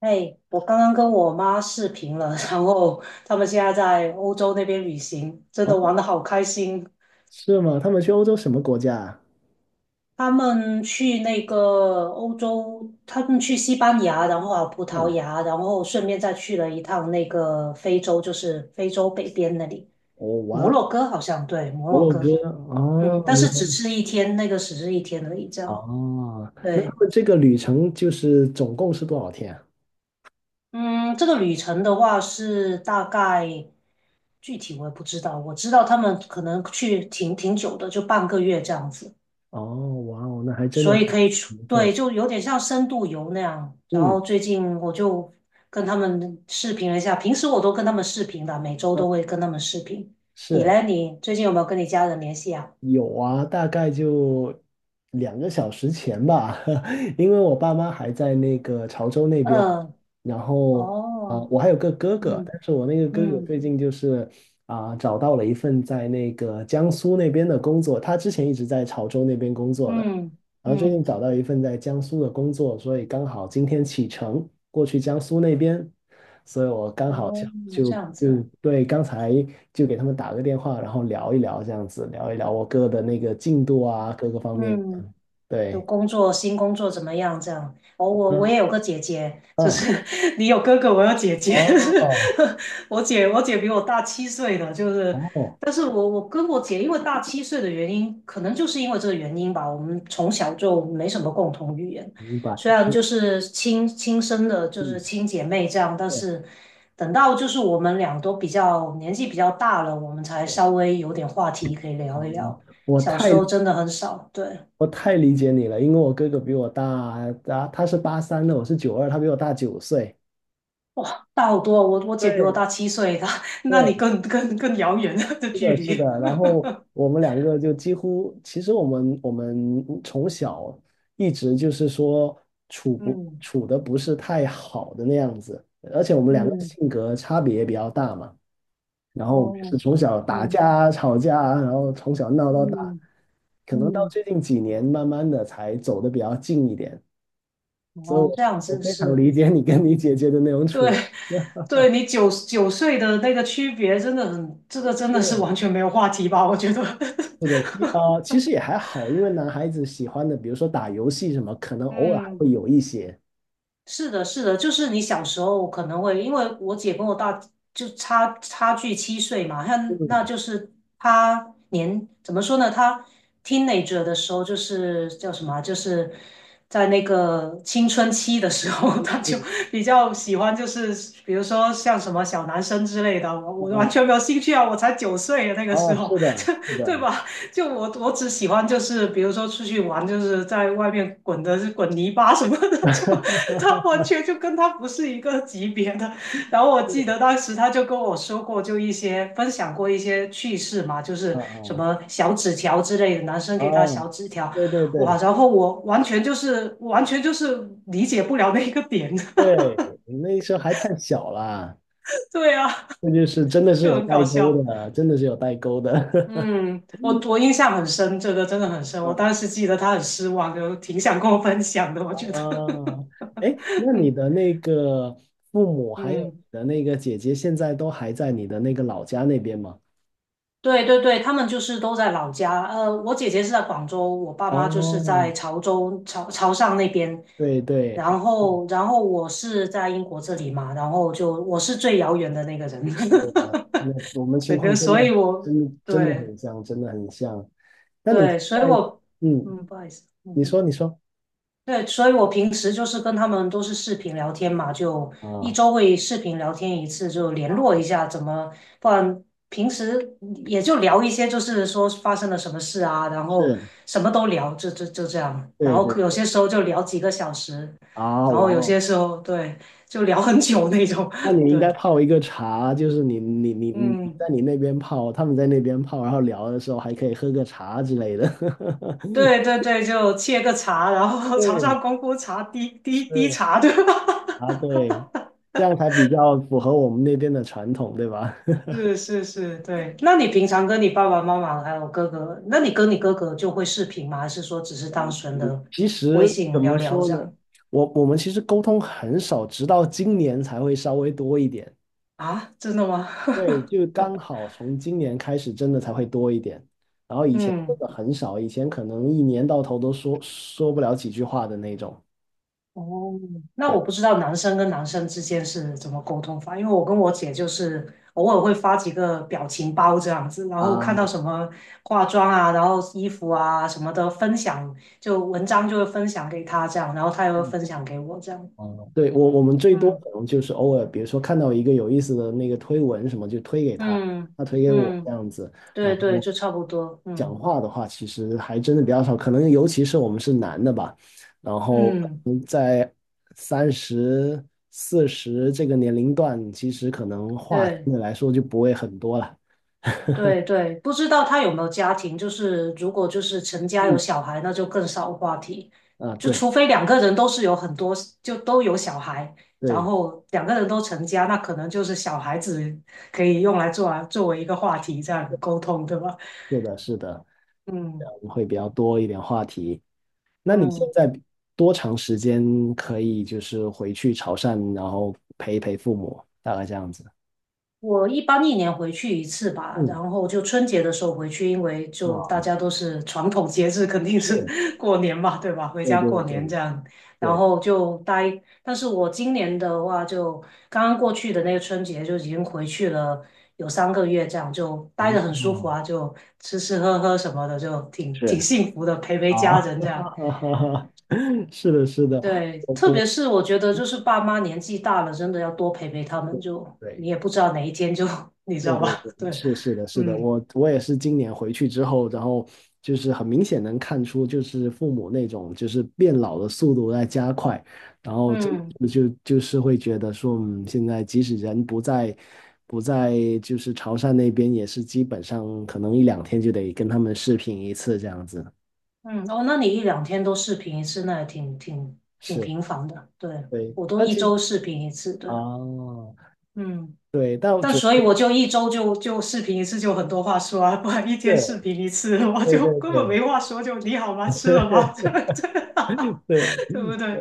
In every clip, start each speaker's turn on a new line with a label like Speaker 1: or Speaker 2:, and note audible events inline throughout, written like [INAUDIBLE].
Speaker 1: 哎，我刚刚跟我妈视频了，[LAUGHS] 然后他们现在在欧洲那边旅行，真
Speaker 2: 哦，
Speaker 1: 的玩的好开心。
Speaker 2: 是吗？他们去欧洲什么国家啊？
Speaker 1: 他们去那个欧洲，他们去西班牙，然后啊葡萄
Speaker 2: 嗯，
Speaker 1: 牙，然后顺便再去了一趟那个非洲，就是非洲北边那里，
Speaker 2: 哦，
Speaker 1: 摩
Speaker 2: 哇，
Speaker 1: 洛哥好像，对，摩
Speaker 2: 摩
Speaker 1: 洛
Speaker 2: 洛
Speaker 1: 哥。
Speaker 2: 哥，
Speaker 1: 嗯，
Speaker 2: 哦，
Speaker 1: 但
Speaker 2: 明
Speaker 1: 是
Speaker 2: 白，
Speaker 1: 只是一天，那个只是一天而已，这样，
Speaker 2: 哦，那他
Speaker 1: 对。
Speaker 2: 们这个旅程就是总共是多少天啊？
Speaker 1: 嗯，这个旅程的话是大概具体我也不知道，我知道他们可能去挺挺久的，就半个月这样子，
Speaker 2: 哦，哇哦，那还真的
Speaker 1: 所以
Speaker 2: 挺
Speaker 1: 可以出，
Speaker 2: 不错，
Speaker 1: 对，就有点像深度游那样。然后
Speaker 2: 嗯，
Speaker 1: 最近我就跟他们视频了一下，平时我都跟他们视频的，每周
Speaker 2: 啊
Speaker 1: 都会跟他们视频。你
Speaker 2: 是。
Speaker 1: 嘞，你最近有没有跟你家人联系啊？
Speaker 2: 有啊，大概就2个小时前吧，[LAUGHS] 因为我爸妈还在那个潮州那边，
Speaker 1: 嗯。
Speaker 2: 然后
Speaker 1: 哦。
Speaker 2: 我还有个哥哥，
Speaker 1: 嗯
Speaker 2: 但是我那个哥哥
Speaker 1: 嗯
Speaker 2: 最近就是找到了一份在那个江苏那边的工作，他之前一直在潮州那边工作的，
Speaker 1: 嗯
Speaker 2: 然后最近
Speaker 1: 嗯。
Speaker 2: 找到一份在江苏的工作，所以刚好今天启程过去江苏那边。所以我刚好想
Speaker 1: 哦，
Speaker 2: 就
Speaker 1: 这样
Speaker 2: 就
Speaker 1: 子。
Speaker 2: 对刚才就给他们打个电话，然后聊一聊这样子，聊一聊我哥的那个进度啊，各个方面。
Speaker 1: 嗯。
Speaker 2: 嗯，
Speaker 1: 就
Speaker 2: 对，
Speaker 1: 工作，新工作怎么样？这样。我
Speaker 2: 嗯
Speaker 1: 也有个姐姐，就
Speaker 2: 嗯，
Speaker 1: 是 [LAUGHS] 你有哥哥，我有姐姐。
Speaker 2: 哦
Speaker 1: [LAUGHS] 我姐比我大七岁的，就是，
Speaker 2: 哦，
Speaker 1: 但是我跟我姐因为大七岁的原因，可能就是因为这个原因吧，我们从小就没什么共同语言，
Speaker 2: 明白，
Speaker 1: 虽然就是亲生的，就是
Speaker 2: 嗯，
Speaker 1: 亲姐妹这样，但
Speaker 2: 对
Speaker 1: 是等到就是我们俩都比较年纪比较大了，我们才
Speaker 2: 对，
Speaker 1: 稍微有点话题可以
Speaker 2: 哦，
Speaker 1: 聊一聊，
Speaker 2: 我
Speaker 1: 小时
Speaker 2: 太
Speaker 1: 候真的很少，对。
Speaker 2: 我太理解你了，因为我哥哥比我大，啊他是83的，我是92，他比我大9岁。
Speaker 1: 哇，大好多哦我姐比我
Speaker 2: 对
Speaker 1: 大七岁的，[LAUGHS] 那
Speaker 2: 对，
Speaker 1: 你更遥远了的
Speaker 2: 是
Speaker 1: 距
Speaker 2: 的，是
Speaker 1: 离。
Speaker 2: 的。然后
Speaker 1: [LAUGHS]
Speaker 2: 我们两个就几乎，其实我们从小一直就是说处不
Speaker 1: 嗯
Speaker 2: 处的不是太好的那样子，而且我们两个
Speaker 1: 嗯。
Speaker 2: 性格差别也比较大嘛。然后我们
Speaker 1: 哦。
Speaker 2: 是从小打
Speaker 1: 嗯
Speaker 2: 架、吵架，然后从小闹到大，
Speaker 1: 嗯
Speaker 2: 可能到
Speaker 1: 嗯。
Speaker 2: 最近几年慢慢的才走的比较近一点。所以
Speaker 1: 哦，
Speaker 2: 我，
Speaker 1: 这样
Speaker 2: 我
Speaker 1: 子
Speaker 2: 非常
Speaker 1: 是。
Speaker 2: 理解你跟你
Speaker 1: 嗯。
Speaker 2: 姐姐的那种
Speaker 1: 对
Speaker 2: 处。[LAUGHS]
Speaker 1: 对，你九岁的那个区别真的很，这个真的是
Speaker 2: 对。
Speaker 1: 完全没有话题吧？我觉得，
Speaker 2: 是的，其实也还好，因为男孩子喜欢的，比如说打游戏什么，可能
Speaker 1: [LAUGHS]
Speaker 2: 偶尔还
Speaker 1: 嗯。
Speaker 2: 会有一些。
Speaker 1: 是的，是的，就是你小时候可能会，因为我姐跟我大就差距七岁嘛，那那就
Speaker 2: 嗯
Speaker 1: 是她年怎么说呢？她 teenager 的时候就是叫什么啊就是在那个青春期的时候，[LAUGHS] 她就
Speaker 2: 嗯
Speaker 1: 比较喜欢，就是比如说像什么小男生之类的，我
Speaker 2: 嗯
Speaker 1: 我完
Speaker 2: 嗯，
Speaker 1: 全没有兴趣啊，我才九岁啊那个时
Speaker 2: 哦，
Speaker 1: 候，
Speaker 2: 是的，是
Speaker 1: [LAUGHS] 对
Speaker 2: 的，
Speaker 1: 吧？就我只喜欢就是比如说出去玩，就是在外面滚的是滚泥巴什么的，就他完
Speaker 2: [LAUGHS]
Speaker 1: 全就跟他不是一个级别的。然后我记得
Speaker 2: 是
Speaker 1: 当时他就跟我说过，就一些分享过一些趣事嘛，就是
Speaker 2: 啊
Speaker 1: 什
Speaker 2: 啊
Speaker 1: 么小纸条之类的，男生
Speaker 2: 啊，
Speaker 1: 给他小纸条。
Speaker 2: 对对
Speaker 1: 哇，
Speaker 2: 对
Speaker 1: 然后我完全就是完全就是理解不了那个点，
Speaker 2: 对，你那时候还太小了，
Speaker 1: [LAUGHS] 对啊，
Speaker 2: 那就是真的是
Speaker 1: 就
Speaker 2: 有
Speaker 1: 很搞
Speaker 2: 代沟
Speaker 1: 笑。
Speaker 2: 的，真的是有代沟的。
Speaker 1: 嗯，我
Speaker 2: [LAUGHS]
Speaker 1: 我印象很深，这个真的很深。我
Speaker 2: 嗯
Speaker 1: 当时记得他很失望，就挺想跟我分享的。我觉得，
Speaker 2: 啊，哎，那你的
Speaker 1: [LAUGHS]
Speaker 2: 那个父母还有你
Speaker 1: 嗯，
Speaker 2: 的那个姐姐，现在都还在你的那个老家那边吗？
Speaker 1: 对对对，他们就是都在老家。我姐姐是在广州，我爸妈就是
Speaker 2: 哦，
Speaker 1: 在潮州、潮汕那边。
Speaker 2: 对对，哦
Speaker 1: 然后，然后我是在英国这里嘛，然后就我是最遥远的那个人。
Speaker 2: 是的，我们
Speaker 1: [LAUGHS]
Speaker 2: 情
Speaker 1: 整个，
Speaker 2: 况真
Speaker 1: 所以
Speaker 2: 的
Speaker 1: 我
Speaker 2: 真的真的
Speaker 1: 对
Speaker 2: 很像，真的很像。那你在
Speaker 1: 对，所以我
Speaker 2: 嗯，
Speaker 1: 嗯，不好意思，
Speaker 2: 你
Speaker 1: 嗯。
Speaker 2: 说你说
Speaker 1: 对，所以我平时就是跟他们都是视频聊天嘛，就一
Speaker 2: 啊，
Speaker 1: 周会视频聊天一次，就联络一下怎么，不然平时也就聊一些，就是说发生了什么事啊，然后
Speaker 2: 是，
Speaker 1: 什么都聊，就这样，然
Speaker 2: 对
Speaker 1: 后
Speaker 2: 对
Speaker 1: 有
Speaker 2: 对，
Speaker 1: 些时候就聊几个小时，
Speaker 2: 啊，
Speaker 1: 然
Speaker 2: 哇
Speaker 1: 后有
Speaker 2: 哦，
Speaker 1: 些时候对，就聊很久那种，
Speaker 2: 那
Speaker 1: [LAUGHS]
Speaker 2: 你应该
Speaker 1: 对。
Speaker 2: 泡一个茶，就是你在
Speaker 1: 嗯，
Speaker 2: 你那边泡，他们在那边泡，然后聊的时候还可以喝个茶之类的。[LAUGHS]
Speaker 1: 对对对，就切个茶，然后 [LAUGHS] 早
Speaker 2: 对，
Speaker 1: 上功夫茶，滴滴滴
Speaker 2: 是
Speaker 1: 茶，对吧？
Speaker 2: 啊，对，这样才比较符合我们那边的传统，对吧？
Speaker 1: 是是是，对。那你平常跟你爸爸妈妈还有哥哥，那你跟你哥哥就会视频吗？还是说只是单纯的
Speaker 2: 其
Speaker 1: 微
Speaker 2: 实怎
Speaker 1: 信
Speaker 2: 么
Speaker 1: 聊聊
Speaker 2: 说
Speaker 1: 这
Speaker 2: 呢？
Speaker 1: 样？
Speaker 2: 我们其实沟通很少，直到今年才会稍微多一点。
Speaker 1: 啊，真的吗？
Speaker 2: 对，
Speaker 1: [LAUGHS]
Speaker 2: 就刚好从今年开始，真的才会多一点。然后以前真
Speaker 1: 嗯。
Speaker 2: 的很少，以前可能一年到头都说不了几句话的那种。
Speaker 1: 哦，那
Speaker 2: 对
Speaker 1: 我不知道男生跟男生之间是怎么沟通法，因为我跟我姐就是偶尔会发几个表情包这样子，然后看
Speaker 2: 啊，
Speaker 1: 到什么化妆啊，然后衣服啊什么的分享，就文章就会分享给她这样，然后她也会分享给我这样。
Speaker 2: 嗯，对，我们最多
Speaker 1: 嗯
Speaker 2: 可能就是偶尔，比如说看到一个有意思的那个推文什么，就推给他，
Speaker 1: 嗯
Speaker 2: 他推给我这
Speaker 1: 嗯。
Speaker 2: 样子。然
Speaker 1: 对对，
Speaker 2: 后
Speaker 1: 就差不多。
Speaker 2: 讲
Speaker 1: 嗯
Speaker 2: 话的话，其实还真的比较少，可能尤其是我们是男的吧，然后
Speaker 1: 嗯，
Speaker 2: 在30、40这个年龄段，其实可能话相
Speaker 1: 对
Speaker 2: 对来说就不会很多了。
Speaker 1: 对对，不知道他有没有家庭，就是如果就是成家有
Speaker 2: 嗯，
Speaker 1: 小孩，那就更少话题，
Speaker 2: 啊，
Speaker 1: 就除
Speaker 2: 对
Speaker 1: 非两个人都是有很多，就都有小孩，然
Speaker 2: 对，
Speaker 1: 后两个人都成家，那可能就是小孩子可以用来做啊，作为一个话题这样沟通，对吧？
Speaker 2: 是的，是的，这
Speaker 1: 嗯
Speaker 2: 样会比较多一点话题。那你现
Speaker 1: 嗯。
Speaker 2: 在多长时间可以就是回去潮汕，然后陪一陪父母，大概这样子？
Speaker 1: 我一般一年回去一次吧，
Speaker 2: 嗯，
Speaker 1: 然后就春节的时候回去，因为就大
Speaker 2: 啊，
Speaker 1: 家都是传统节日，肯定是
Speaker 2: 是，
Speaker 1: [LAUGHS] 过年嘛，对吧？回
Speaker 2: 对
Speaker 1: 家
Speaker 2: 对
Speaker 1: 过年
Speaker 2: 对
Speaker 1: 这样，然
Speaker 2: 对，
Speaker 1: 后就待。但是我今年的话就，刚刚过去的那个春节就已经回去了有3个月，这样就待
Speaker 2: 啊，
Speaker 1: 得很舒服
Speaker 2: 啊
Speaker 1: 啊，就吃吃喝喝什么的，就挺
Speaker 2: 是
Speaker 1: 幸福的，陪陪
Speaker 2: 啊，
Speaker 1: 家人这样。
Speaker 2: [LAUGHS] 是的，是的，
Speaker 1: 对，
Speaker 2: 我
Speaker 1: 特
Speaker 2: 我
Speaker 1: 别是我觉得就是爸妈年纪大了，真的要多陪陪他们就，你
Speaker 2: 对。
Speaker 1: 也不知道哪一天就，[LAUGHS] 你知
Speaker 2: 对
Speaker 1: 道
Speaker 2: 对
Speaker 1: 吧？
Speaker 2: 对，
Speaker 1: [LAUGHS] 对。
Speaker 2: 是是的，是的，
Speaker 1: 嗯
Speaker 2: 我也是今年回去之后，然后就是很明显能看出，就是父母那种就是变老的速度在加快，然后就
Speaker 1: 嗯
Speaker 2: 就就是会觉得说，嗯，现在即使人不在就是潮汕那边，也是基本上可能一两天就得跟他们视频一次这样子。
Speaker 1: 嗯。哦，那你一两天都视频一次，那也挺
Speaker 2: 是，
Speaker 1: 频繁的。对，
Speaker 2: 对，
Speaker 1: 我都
Speaker 2: 但
Speaker 1: 一
Speaker 2: 其实
Speaker 1: 周视频一次。对。
Speaker 2: 啊，
Speaker 1: 嗯，
Speaker 2: 对，但我
Speaker 1: 但
Speaker 2: 主要
Speaker 1: 所以我就一周就视频一次，就很多话说啊，不然一天
Speaker 2: 是，
Speaker 1: 视频一次，[LAUGHS] 我
Speaker 2: 对
Speaker 1: 就
Speaker 2: 对
Speaker 1: 根本
Speaker 2: 对
Speaker 1: 没话说，就你好吗？吃了吗？[LAUGHS] 这这，
Speaker 2: [LAUGHS] 对。
Speaker 1: [LAUGHS] 对不对？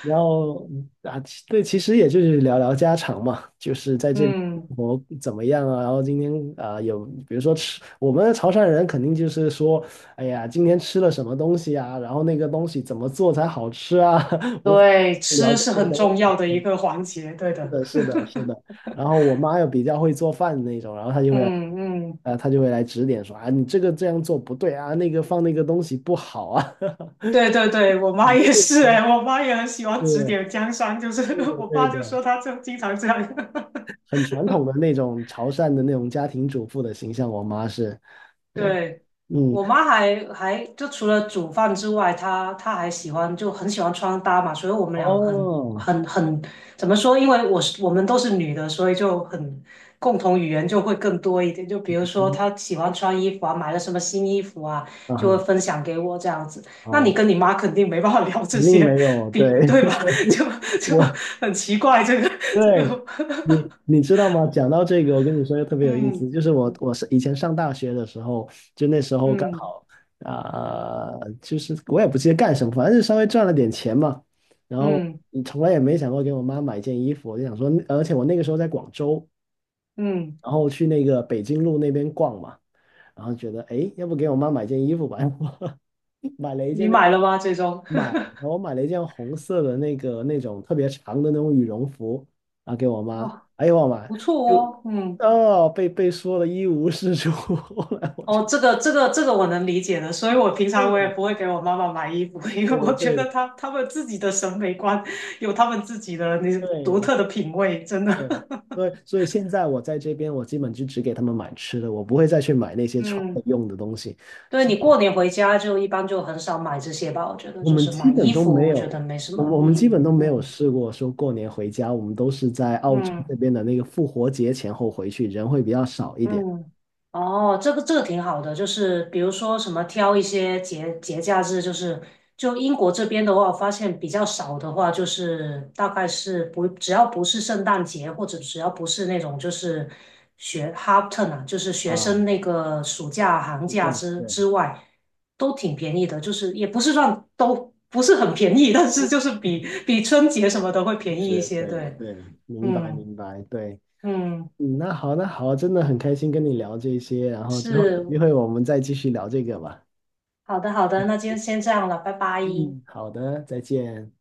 Speaker 2: 然后其实也就是聊聊家常嘛，就是在
Speaker 1: [LAUGHS]
Speaker 2: 这边
Speaker 1: 嗯，
Speaker 2: 生活怎么样啊？然后今天有比如说吃，我们潮汕人肯定就是说，哎呀，今天吃了什么东西啊？然后那个东西怎么做才好吃啊？[LAUGHS] 我
Speaker 1: 对，
Speaker 2: 聊
Speaker 1: 吃
Speaker 2: 这
Speaker 1: 是
Speaker 2: 些
Speaker 1: 很
Speaker 2: 东
Speaker 1: 重
Speaker 2: 西，
Speaker 1: 要的
Speaker 2: 对
Speaker 1: 一个
Speaker 2: 吧？
Speaker 1: 环节。对
Speaker 2: 是
Speaker 1: 的。
Speaker 2: 的，是
Speaker 1: [LAUGHS]
Speaker 2: 的，是的。然后我妈又比较会做饭的那种，然后她就会来，
Speaker 1: 嗯嗯
Speaker 2: 她就会来指点说啊，你这个这样做不对啊，那个放那个东西不好啊，[LAUGHS]
Speaker 1: 对对对，我
Speaker 2: 很
Speaker 1: 妈
Speaker 2: 多
Speaker 1: 也
Speaker 2: 这种
Speaker 1: 是哎、
Speaker 2: 东
Speaker 1: 我妈也很喜
Speaker 2: 西
Speaker 1: 欢指
Speaker 2: 是
Speaker 1: 点江山，就是
Speaker 2: 对
Speaker 1: [LAUGHS]
Speaker 2: 的，
Speaker 1: 我
Speaker 2: 对
Speaker 1: 爸就
Speaker 2: 的。
Speaker 1: 说他就经常这样。[LAUGHS]
Speaker 2: 很传统的那种潮汕的那种家庭主妇的形象，我妈是，对，
Speaker 1: 对，
Speaker 2: 嗯，
Speaker 1: 我妈还就除了煮饭之外，她还喜欢就很喜欢穿搭嘛，所以我们俩很
Speaker 2: 哦，
Speaker 1: 很很怎么说？因为我是我们都是女的，所以就很共同语言就会更多一点。就比如说她喜欢穿衣服啊，买了什么新衣服啊，
Speaker 2: 啊
Speaker 1: 就会
Speaker 2: 哈
Speaker 1: 分享给我这样子。那你
Speaker 2: 啊，
Speaker 1: 跟你妈肯定没办法聊这
Speaker 2: 肯定没
Speaker 1: 些，
Speaker 2: 有，
Speaker 1: 比
Speaker 2: 对，
Speaker 1: 对吧？[LAUGHS] 就
Speaker 2: [LAUGHS]
Speaker 1: 就
Speaker 2: 我，
Speaker 1: 很奇怪，这个这个，
Speaker 2: 对，你知道吗？讲到这个，我跟你说又特
Speaker 1: [LAUGHS]
Speaker 2: 别有意思，
Speaker 1: 嗯
Speaker 2: 就是我是以前上大学的时候，就那时候刚
Speaker 1: 嗯
Speaker 2: 好啊、就是我也不记得干什么，反正就稍微赚了点钱嘛，然后
Speaker 1: 嗯嗯。
Speaker 2: 你从来也没想过给我妈买件衣服，我就想说，而且我那个时候在广州，
Speaker 1: 嗯
Speaker 2: 然后去那个北京路那边逛嘛。然后觉得哎，诶要不给我妈买件衣服吧？[LAUGHS] 我买了一
Speaker 1: 你
Speaker 2: 件那
Speaker 1: 买
Speaker 2: 个
Speaker 1: 了吗？最终，
Speaker 2: 买，
Speaker 1: [LAUGHS]
Speaker 2: 我买了一件红色的那个那种特别长的那种羽绒服啊，给我妈。
Speaker 1: 哇，
Speaker 2: 哎呦我妈，
Speaker 1: 不错
Speaker 2: 就
Speaker 1: 哦。嗯。
Speaker 2: 哦被说的一无是处。[LAUGHS] 后来我
Speaker 1: 哦，
Speaker 2: 就
Speaker 1: 这个我能理解的，所以我平常我也
Speaker 2: 对
Speaker 1: 不会给我妈妈买衣服，[LAUGHS] 因
Speaker 2: 对
Speaker 1: 为
Speaker 2: 的
Speaker 1: 我觉
Speaker 2: 对
Speaker 1: 得
Speaker 2: 的
Speaker 1: 她们自己的审美观有她们自己的那独
Speaker 2: 对
Speaker 1: 特的品味，真的，
Speaker 2: 对，所以现在我在这边，我基本就只给他们买吃的，我不会再去买那
Speaker 1: [LAUGHS]
Speaker 2: 些穿的
Speaker 1: 嗯。
Speaker 2: 用的东西。
Speaker 1: 对
Speaker 2: 像
Speaker 1: 你过年回家就一般就很少买这些吧，我觉得
Speaker 2: 我
Speaker 1: 就
Speaker 2: 们
Speaker 1: 是
Speaker 2: 基
Speaker 1: 买
Speaker 2: 本
Speaker 1: 衣
Speaker 2: 都
Speaker 1: 服，
Speaker 2: 没
Speaker 1: 我觉
Speaker 2: 有，
Speaker 1: 得没什
Speaker 2: 我们
Speaker 1: 么意
Speaker 2: 我们基本
Speaker 1: 义，
Speaker 2: 都没有
Speaker 1: 嗯
Speaker 2: 试过说过年回家，我们都是在澳洲那
Speaker 1: 嗯。
Speaker 2: 边的那个复活节前后回去，人会比较少一点。
Speaker 1: 嗯。哦，这个这个挺好的，就是比如说什么挑一些节假日，就是就英国这边的话，我发现比较少的话，就是大概是不只要不是圣诞节，或者只要不是那种就是学 HALTER 啊，就是学
Speaker 2: 啊，
Speaker 1: 生那个暑假寒
Speaker 2: 就这
Speaker 1: 假
Speaker 2: 样，
Speaker 1: 之
Speaker 2: 对，
Speaker 1: 之外，都挺便宜的，就是也不是算都不是很便宜，但是就是比比春节什么的会便宜一
Speaker 2: 是，
Speaker 1: 些，
Speaker 2: 对
Speaker 1: 对。
Speaker 2: 对，明白
Speaker 1: 嗯
Speaker 2: 明白，对，
Speaker 1: 嗯。
Speaker 2: 嗯，那好，那好，真的很开心跟你聊这些，然后之后有机
Speaker 1: 是
Speaker 2: 会我们再继续聊这个吧。
Speaker 1: 好的，好的，那就先这样了，拜拜。
Speaker 2: 嗯，好的，再见。